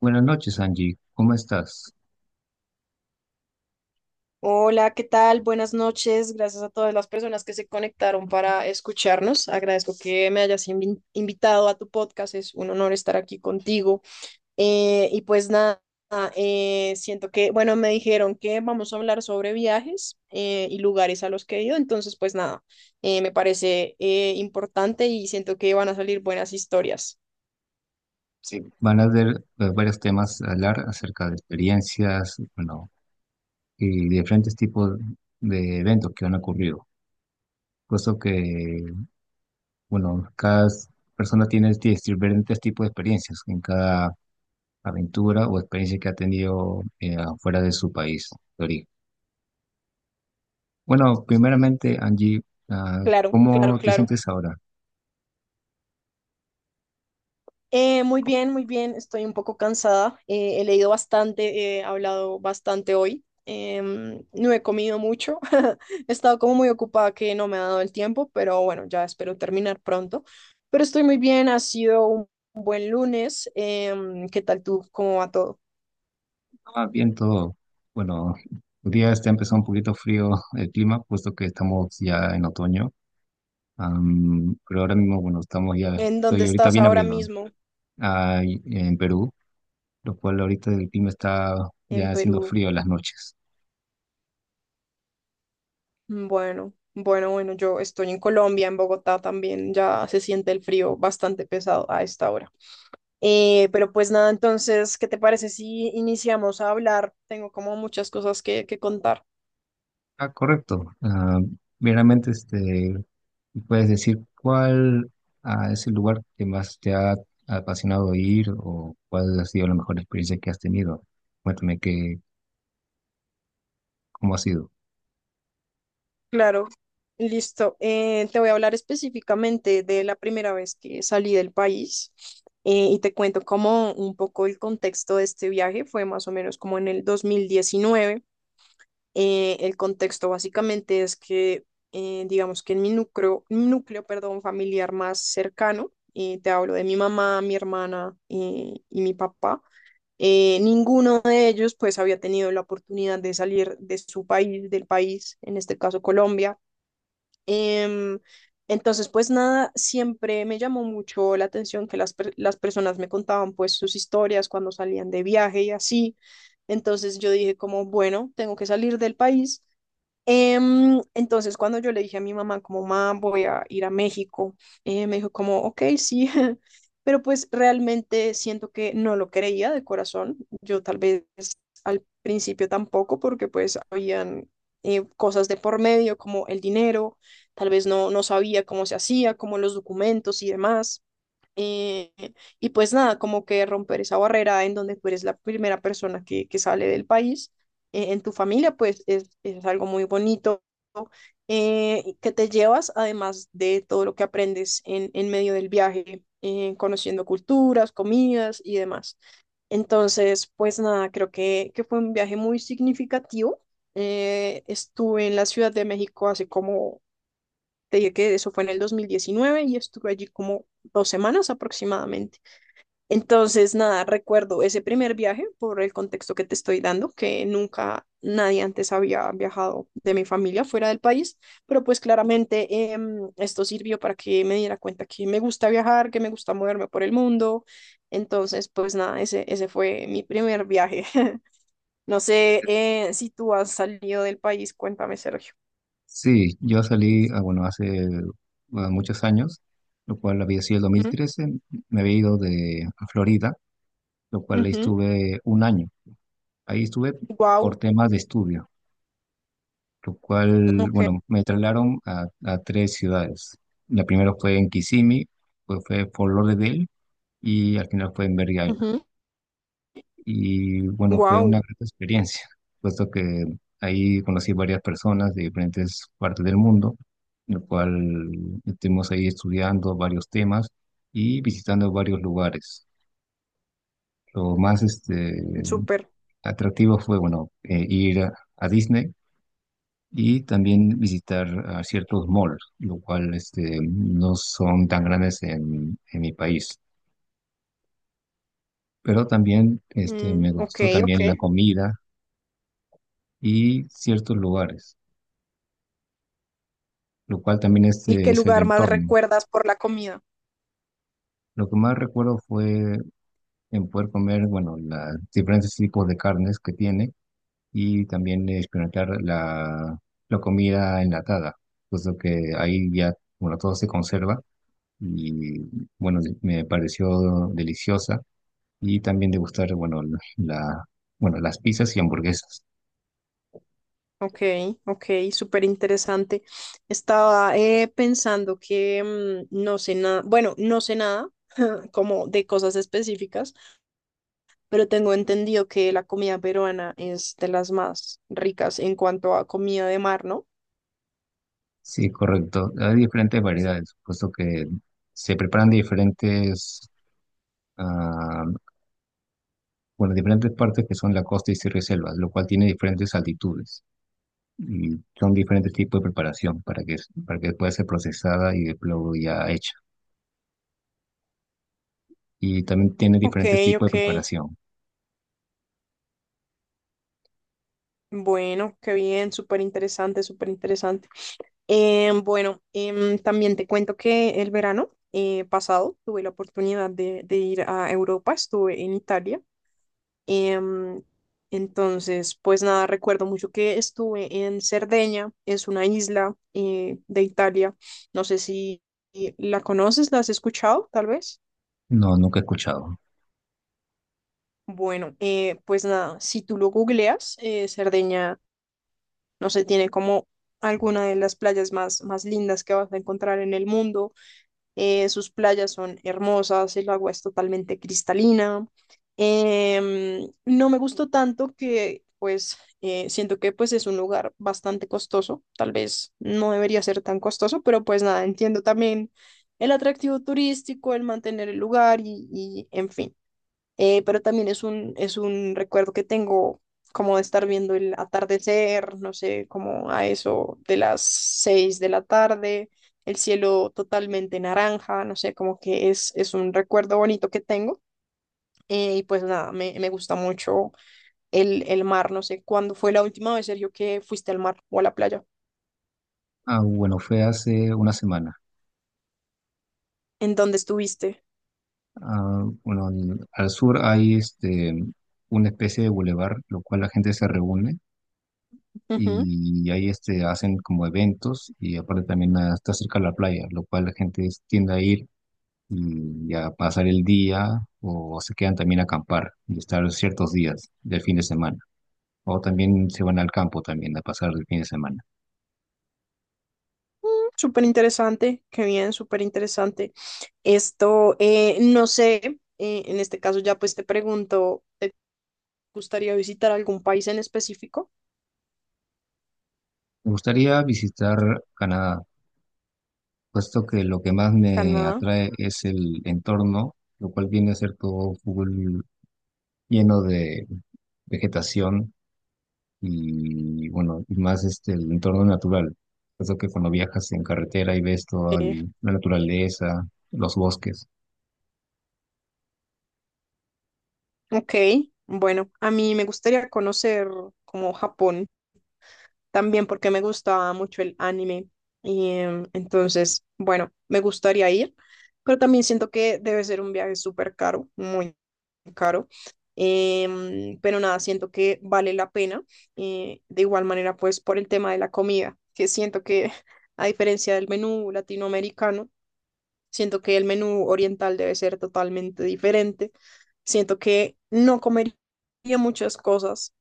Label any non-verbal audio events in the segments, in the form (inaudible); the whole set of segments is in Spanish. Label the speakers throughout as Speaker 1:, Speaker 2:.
Speaker 1: Buenas noches, Angie. ¿Cómo estás?
Speaker 2: Hola, ¿qué tal? Buenas noches. Gracias a todas las personas que se conectaron para escucharnos. Agradezco que me hayas invitado a tu podcast. Es un honor estar aquí contigo. Y pues nada, siento que, bueno, me dijeron que vamos a hablar sobre viajes y lugares a los que he ido. Entonces, pues nada, me parece importante y siento que van a salir buenas historias.
Speaker 1: Sí, van a haber varios temas a hablar acerca de experiencias, bueno, y diferentes tipos de eventos que han ocurrido. Puesto que, bueno, cada persona tiene diferentes tipos de experiencias en cada aventura o experiencia que ha tenido afuera de su país de origen. Bueno, primeramente, Angie, ah,
Speaker 2: Claro, claro,
Speaker 1: ¿cómo te
Speaker 2: claro.
Speaker 1: sientes ahora?
Speaker 2: Muy bien, muy bien. Estoy un poco cansada. He leído bastante, he hablado bastante hoy. No he comido mucho. (laughs) He estado como muy ocupada que no me ha dado el tiempo, pero bueno, ya espero terminar pronto. Pero estoy muy bien. Ha sido un buen lunes. ¿Qué tal tú? ¿Cómo va todo?
Speaker 1: Ah, bien todo. Bueno, el día este empezó un poquito frío el clima, puesto que estamos ya en otoño. Pero ahora mismo, bueno,
Speaker 2: ¿En dónde
Speaker 1: estoy ahorita
Speaker 2: estás
Speaker 1: bien
Speaker 2: ahora
Speaker 1: abrigado
Speaker 2: mismo?
Speaker 1: en Perú, lo cual ahorita el clima está
Speaker 2: En
Speaker 1: ya haciendo
Speaker 2: Perú.
Speaker 1: frío en las noches.
Speaker 2: Bueno, bueno, bueno. Yo estoy en Colombia, en Bogotá también. Ya se siente el frío bastante pesado a esta hora. Pero pues nada, entonces, ¿qué te parece si iniciamos a hablar? Tengo como muchas cosas que contar.
Speaker 1: Ah, correcto. Meramente, este, ¿puedes decir cuál es el lugar que más te ha apasionado ir o cuál ha sido la mejor experiencia que has tenido? Cuéntame que, cómo ha sido.
Speaker 2: Claro, listo. Te voy a hablar específicamente de la primera vez que salí del país y te cuento como un poco el contexto de este viaje. Fue más o menos como en el 2019. El contexto básicamente es que, digamos que en mi núcleo familiar más cercano, te hablo de mi mamá, mi hermana y mi papá. Ninguno de ellos pues había tenido la oportunidad de salir de su país, del país, en este caso Colombia. Em, entonces pues nada, siempre me llamó mucho la atención que las personas me contaban pues sus historias cuando salían de viaje y así. Entonces yo dije como, bueno, tengo que salir del país. Entonces, cuando yo le dije a mi mamá, como, mamá, voy a ir a México, me dijo como, ok, sí, (laughs) pero pues realmente siento que no lo creía de corazón. Yo tal vez al principio tampoco, porque pues habían cosas de por medio, como el dinero, tal vez no, no sabía cómo se hacía, como los documentos y demás. Eh, y pues nada, como que romper esa barrera en donde tú eres la primera persona que sale del país en tu familia, pues es algo muy bonito y que te llevas, además de todo lo que aprendes en medio del viaje, conociendo culturas, comidas y demás. Entonces, pues nada, creo que fue un viaje muy significativo. Estuve en la Ciudad de México hace como te dije que eso fue en el 2019 y estuve allí como 2 semanas aproximadamente. Entonces, nada, recuerdo ese primer viaje por el contexto que te estoy dando, que nunca nadie antes había viajado de mi familia fuera del país, pero pues claramente esto sirvió para que me diera cuenta que me gusta viajar, que me gusta moverme por el mundo. Entonces, pues nada, ese fue mi primer viaje. (laughs) No sé si tú has salido del país, cuéntame, Sergio.
Speaker 1: Sí, yo salí, ah, bueno, hace muchos años, lo cual había sido el 2013. Me había ido de a Florida, lo cual ahí estuve un año. Ahí estuve
Speaker 2: Wow,
Speaker 1: por temas de estudio, lo cual,
Speaker 2: ok.
Speaker 1: bueno, me trasladaron a tres ciudades. La primera fue en Kissimmee, pues fue Fort Lauderdale y al final fue en Berry. Y bueno, fue
Speaker 2: Wow,
Speaker 1: una gran experiencia, puesto que ahí conocí varias personas de diferentes partes del mundo, en lo cual estuvimos ahí estudiando varios temas y visitando varios lugares. Lo más
Speaker 2: súper.
Speaker 1: atractivo fue, bueno, ir a Disney, y también visitar a ciertos malls, lo cual este, no son tan grandes en mi país. Pero también este,
Speaker 2: Mm,
Speaker 1: me
Speaker 2: ok,
Speaker 1: gustó
Speaker 2: ok.
Speaker 1: también la comida y ciertos lugares, lo cual también
Speaker 2: ¿Y
Speaker 1: este
Speaker 2: qué
Speaker 1: es el
Speaker 2: lugar más
Speaker 1: entorno.
Speaker 2: recuerdas por la comida?
Speaker 1: Lo que más recuerdo fue en poder comer, bueno, los diferentes tipos de carnes que tiene, y también experimentar la, la comida enlatada, puesto que ahí ya, bueno, todo se conserva y, bueno, me pareció deliciosa, y también degustar, bueno, la, bueno, las pizzas y hamburguesas.
Speaker 2: Ok, ok, súper interesante. Estaba pensando que mm, no sé nada, bueno, no sé nada (laughs) como de cosas específicas, pero tengo entendido que la comida peruana es de las más ricas en cuanto a comida de mar, ¿no?
Speaker 1: Sí, correcto. Hay diferentes variedades, puesto que se preparan de diferentes ah, por las diferentes partes que son la costa y sierra y selvas, lo cual tiene diferentes altitudes y son diferentes tipos de preparación para que pueda ser procesada y de luego ya hecha. Y también tiene
Speaker 2: Ok,
Speaker 1: diferentes tipos de
Speaker 2: ok.
Speaker 1: preparación.
Speaker 2: Bueno, qué bien, súper interesante, súper interesante. Bueno, también te cuento que el verano pasado tuve la oportunidad de ir a Europa, estuve en Italia. em, entonces, pues nada, recuerdo mucho que estuve en Cerdeña, es una isla de Italia. No sé si la conoces, la has escuchado, tal vez.
Speaker 1: No, nunca he escuchado.
Speaker 2: Bueno, pues nada, si tú lo googleas, Cerdeña, no sé, tiene como alguna de las playas más, más lindas que vas a encontrar en el mundo. Sus playas son hermosas, el agua es totalmente cristalina. No me gustó tanto que, pues, siento que pues es un lugar bastante costoso. Tal vez no debería ser tan costoso, pero pues nada, entiendo también el atractivo turístico, el mantener el lugar y en fin. Pero también es un recuerdo que tengo como de estar viendo el atardecer, no sé, como a eso de las 6 de la tarde, el cielo totalmente naranja, no sé, como que es un recuerdo bonito que tengo. Y pues nada, me gusta mucho el mar, no sé, ¿cuándo fue la última vez, Sergio, que fuiste al mar o a la playa?
Speaker 1: Ah, bueno, fue hace una semana.
Speaker 2: ¿En dónde estuviste?
Speaker 1: Ah, bueno, al sur hay este, una especie de bulevar, lo cual la gente se reúne y ahí este, hacen como eventos, y aparte también ah, está cerca de la playa, lo cual la gente tiende a ir y a pasar el día, o se quedan también a acampar y estar ciertos días del fin de semana. O también se van al campo también a pasar el fin de semana.
Speaker 2: Súper interesante, qué bien, súper interesante. Esto, no sé, en este caso ya pues te pregunto, ¿te gustaría visitar algún país en específico?
Speaker 1: Me gustaría visitar Canadá, puesto que lo que más me
Speaker 2: Canadá.
Speaker 1: atrae es el entorno, lo cual viene a ser todo full lleno de vegetación, y bueno, y más este el entorno natural. Puesto que cuando viajas en carretera y ves
Speaker 2: Eh,
Speaker 1: la naturaleza, los bosques.
Speaker 2: ok, bueno, a mí me gustaría conocer como Japón. También porque me gustaba mucho el anime. Y entonces, bueno, me gustaría ir, pero también siento que debe ser un viaje súper caro, muy caro. Pero nada, siento que vale la pena. De igual manera, pues por el tema de la comida, que siento que (laughs) a diferencia del menú latinoamericano, siento que el menú oriental debe ser totalmente diferente. Siento que no comería muchas cosas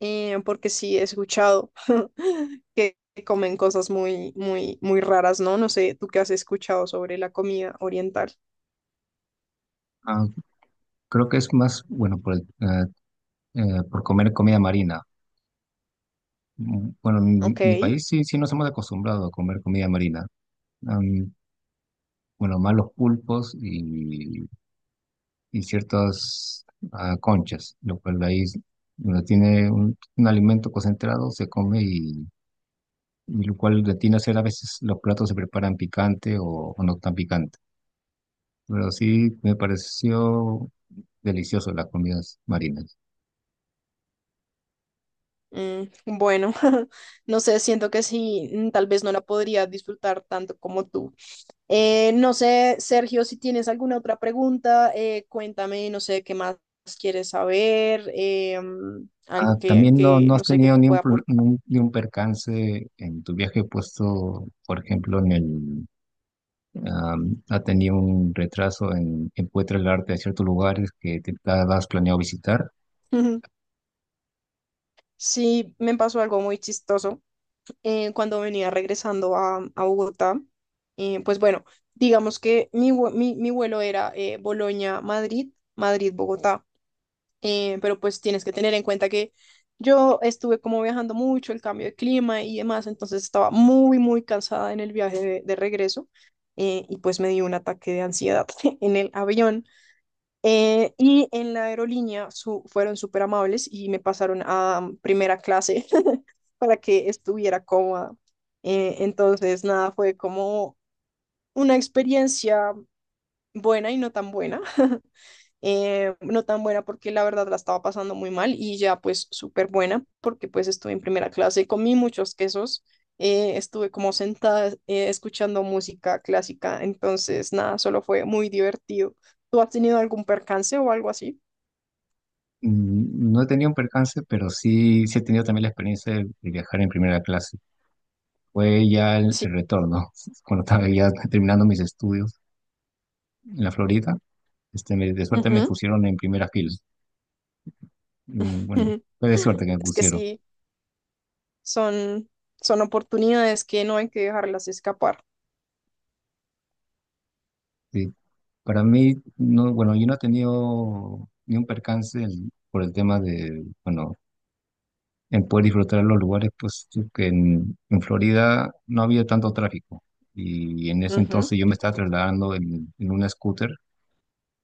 Speaker 2: porque sí he escuchado (laughs) que comen cosas muy, muy, muy raras, ¿no? No sé, ¿tú qué has escuchado sobre la comida oriental?
Speaker 1: Ah, creo que es más, bueno, por comer comida marina. Mm, bueno, en mi,
Speaker 2: Ok,
Speaker 1: mi país sí, sí nos hemos acostumbrado a comer comida marina. Am, bueno, más los pulpos y ciertas conchas, lo cual donde tiene un alimento concentrado se come, y lo cual de tiene a ser a veces los platos se preparan picante, o no tan picante. Pero sí me pareció delicioso las comidas marinas.
Speaker 2: mm, bueno, (laughs) no sé, siento que sí, mm, tal vez no la podría disfrutar tanto como tú. No sé, Sergio, si tienes alguna otra pregunta, cuéntame, no sé, qué más quieres saber. Mm,
Speaker 1: Ah,
Speaker 2: algo
Speaker 1: también no,
Speaker 2: que,
Speaker 1: no has
Speaker 2: no sé, que
Speaker 1: tenido
Speaker 2: te
Speaker 1: ni un,
Speaker 2: pueda
Speaker 1: pro- ni
Speaker 2: aportar.
Speaker 1: un, ni un percance en tu viaje puesto, por ejemplo, ha tenido un retraso en Encuentra el arte en ciertos lugares que te has planeado visitar.
Speaker 2: (laughs) Sí, me pasó algo muy chistoso. Cuando venía regresando a Bogotá. Pues bueno, digamos que mi, mi vuelo era Bolonia-Madrid, Madrid-Bogotá, pero pues tienes que tener en cuenta que yo estuve como viajando mucho, el cambio de clima y demás, entonces estaba muy, muy cansada en el viaje de regreso. Y pues me dio un ataque de ansiedad (laughs) en el avión. Y en la aerolínea fueron súper amables y me pasaron a primera clase (laughs) para que estuviera cómoda. Entonces, nada, fue como una experiencia buena y no tan buena. (laughs) No tan buena porque la verdad la estaba pasando muy mal y ya pues súper buena porque pues estuve en primera clase, comí muchos quesos, estuve como sentada escuchando música clásica, entonces nada, solo fue muy divertido. ¿Tú has tenido algún percance o algo así?
Speaker 1: Mm, no he tenido un percance, pero sí, sí he tenido también la experiencia de viajar en primera clase. Fue ya
Speaker 2: Sí,
Speaker 1: el retorno, (laughs) cuando estaba ya terminando mis estudios en la Florida, este, de suerte me
Speaker 2: ujú,
Speaker 1: pusieron en primera fila. Mm,
Speaker 2: (laughs)
Speaker 1: bueno,
Speaker 2: ujú.
Speaker 1: fue de suerte que me
Speaker 2: Es que
Speaker 1: pusieron.
Speaker 2: sí, son, son oportunidades que no hay que dejarlas escapar.
Speaker 1: Sí. Para mí, no, bueno, yo no he tenido ni un percance por el tema de, bueno, en poder disfrutar los lugares, pues que en Florida no había tanto tráfico. Y en ese
Speaker 2: Ujú,
Speaker 1: entonces yo me estaba trasladando en una scooter,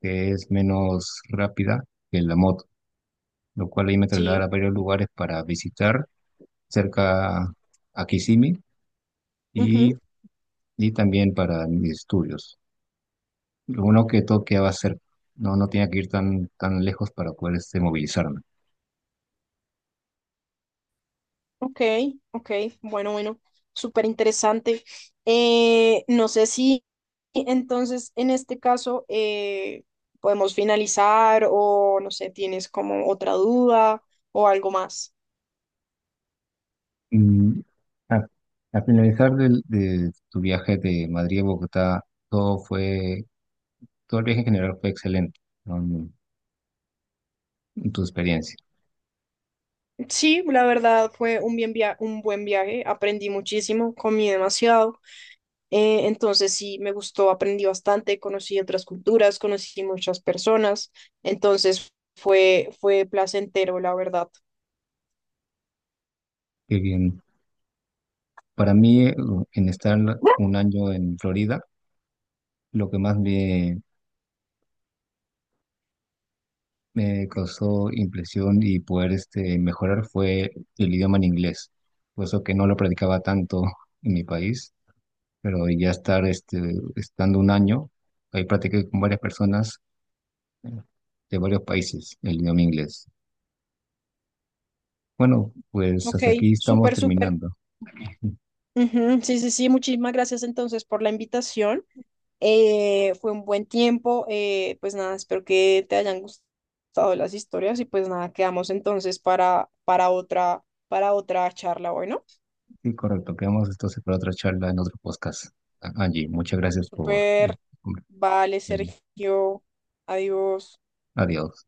Speaker 1: que es menos rápida que la moto, lo cual ahí me
Speaker 2: sí,
Speaker 1: trasladaba a varios lugares para visitar cerca a Kissimmee y,
Speaker 2: ujú.
Speaker 1: y también para mis estudios. Lo uno que todo quedaba cerca, no, no tenía que ir tan, tan lejos para poder este, movilizarme.
Speaker 2: Ok, ok, bueno, bueno, súper interesante. No sé si entonces en este caso podemos finalizar o no sé, tienes como otra duda o algo más.
Speaker 1: Mm, a- Al finalizar de tu viaje de Madrid a Bogotá, todo fue, todo el viaje en general fue excelente, ¿no? En tu experiencia.
Speaker 2: Sí, la verdad fue un buen viaje, aprendí muchísimo, comí demasiado. Entonces sí, me gustó, aprendí bastante, conocí otras culturas, conocí muchas personas, entonces fue, fue placentero, la verdad.
Speaker 1: Qué bien. Para mí, en estar un año en Florida, lo que más me, me causó impresión y poder este, mejorar fue el idioma en inglés, puesto que no lo practicaba tanto en mi país, pero ya estar este, estando un año, ahí practiqué con varias personas de varios países, el idioma inglés. Bueno, pues
Speaker 2: Ok,
Speaker 1: hasta aquí estamos
Speaker 2: súper, súper.
Speaker 1: terminando.
Speaker 2: Ujú, sí, sí, sí, muchísimas gracias entonces por la invitación. Fue un buen tiempo, pues nada, espero que te hayan gustado las historias y pues nada, quedamos entonces para otra, para otra charla, bueno.
Speaker 1: Sí, correcto. Quedamos entonces para otra charla en otro podcast. Angie, muchas gracias por... el-
Speaker 2: Súper, vale, Sergio, adiós.
Speaker 1: Adiós.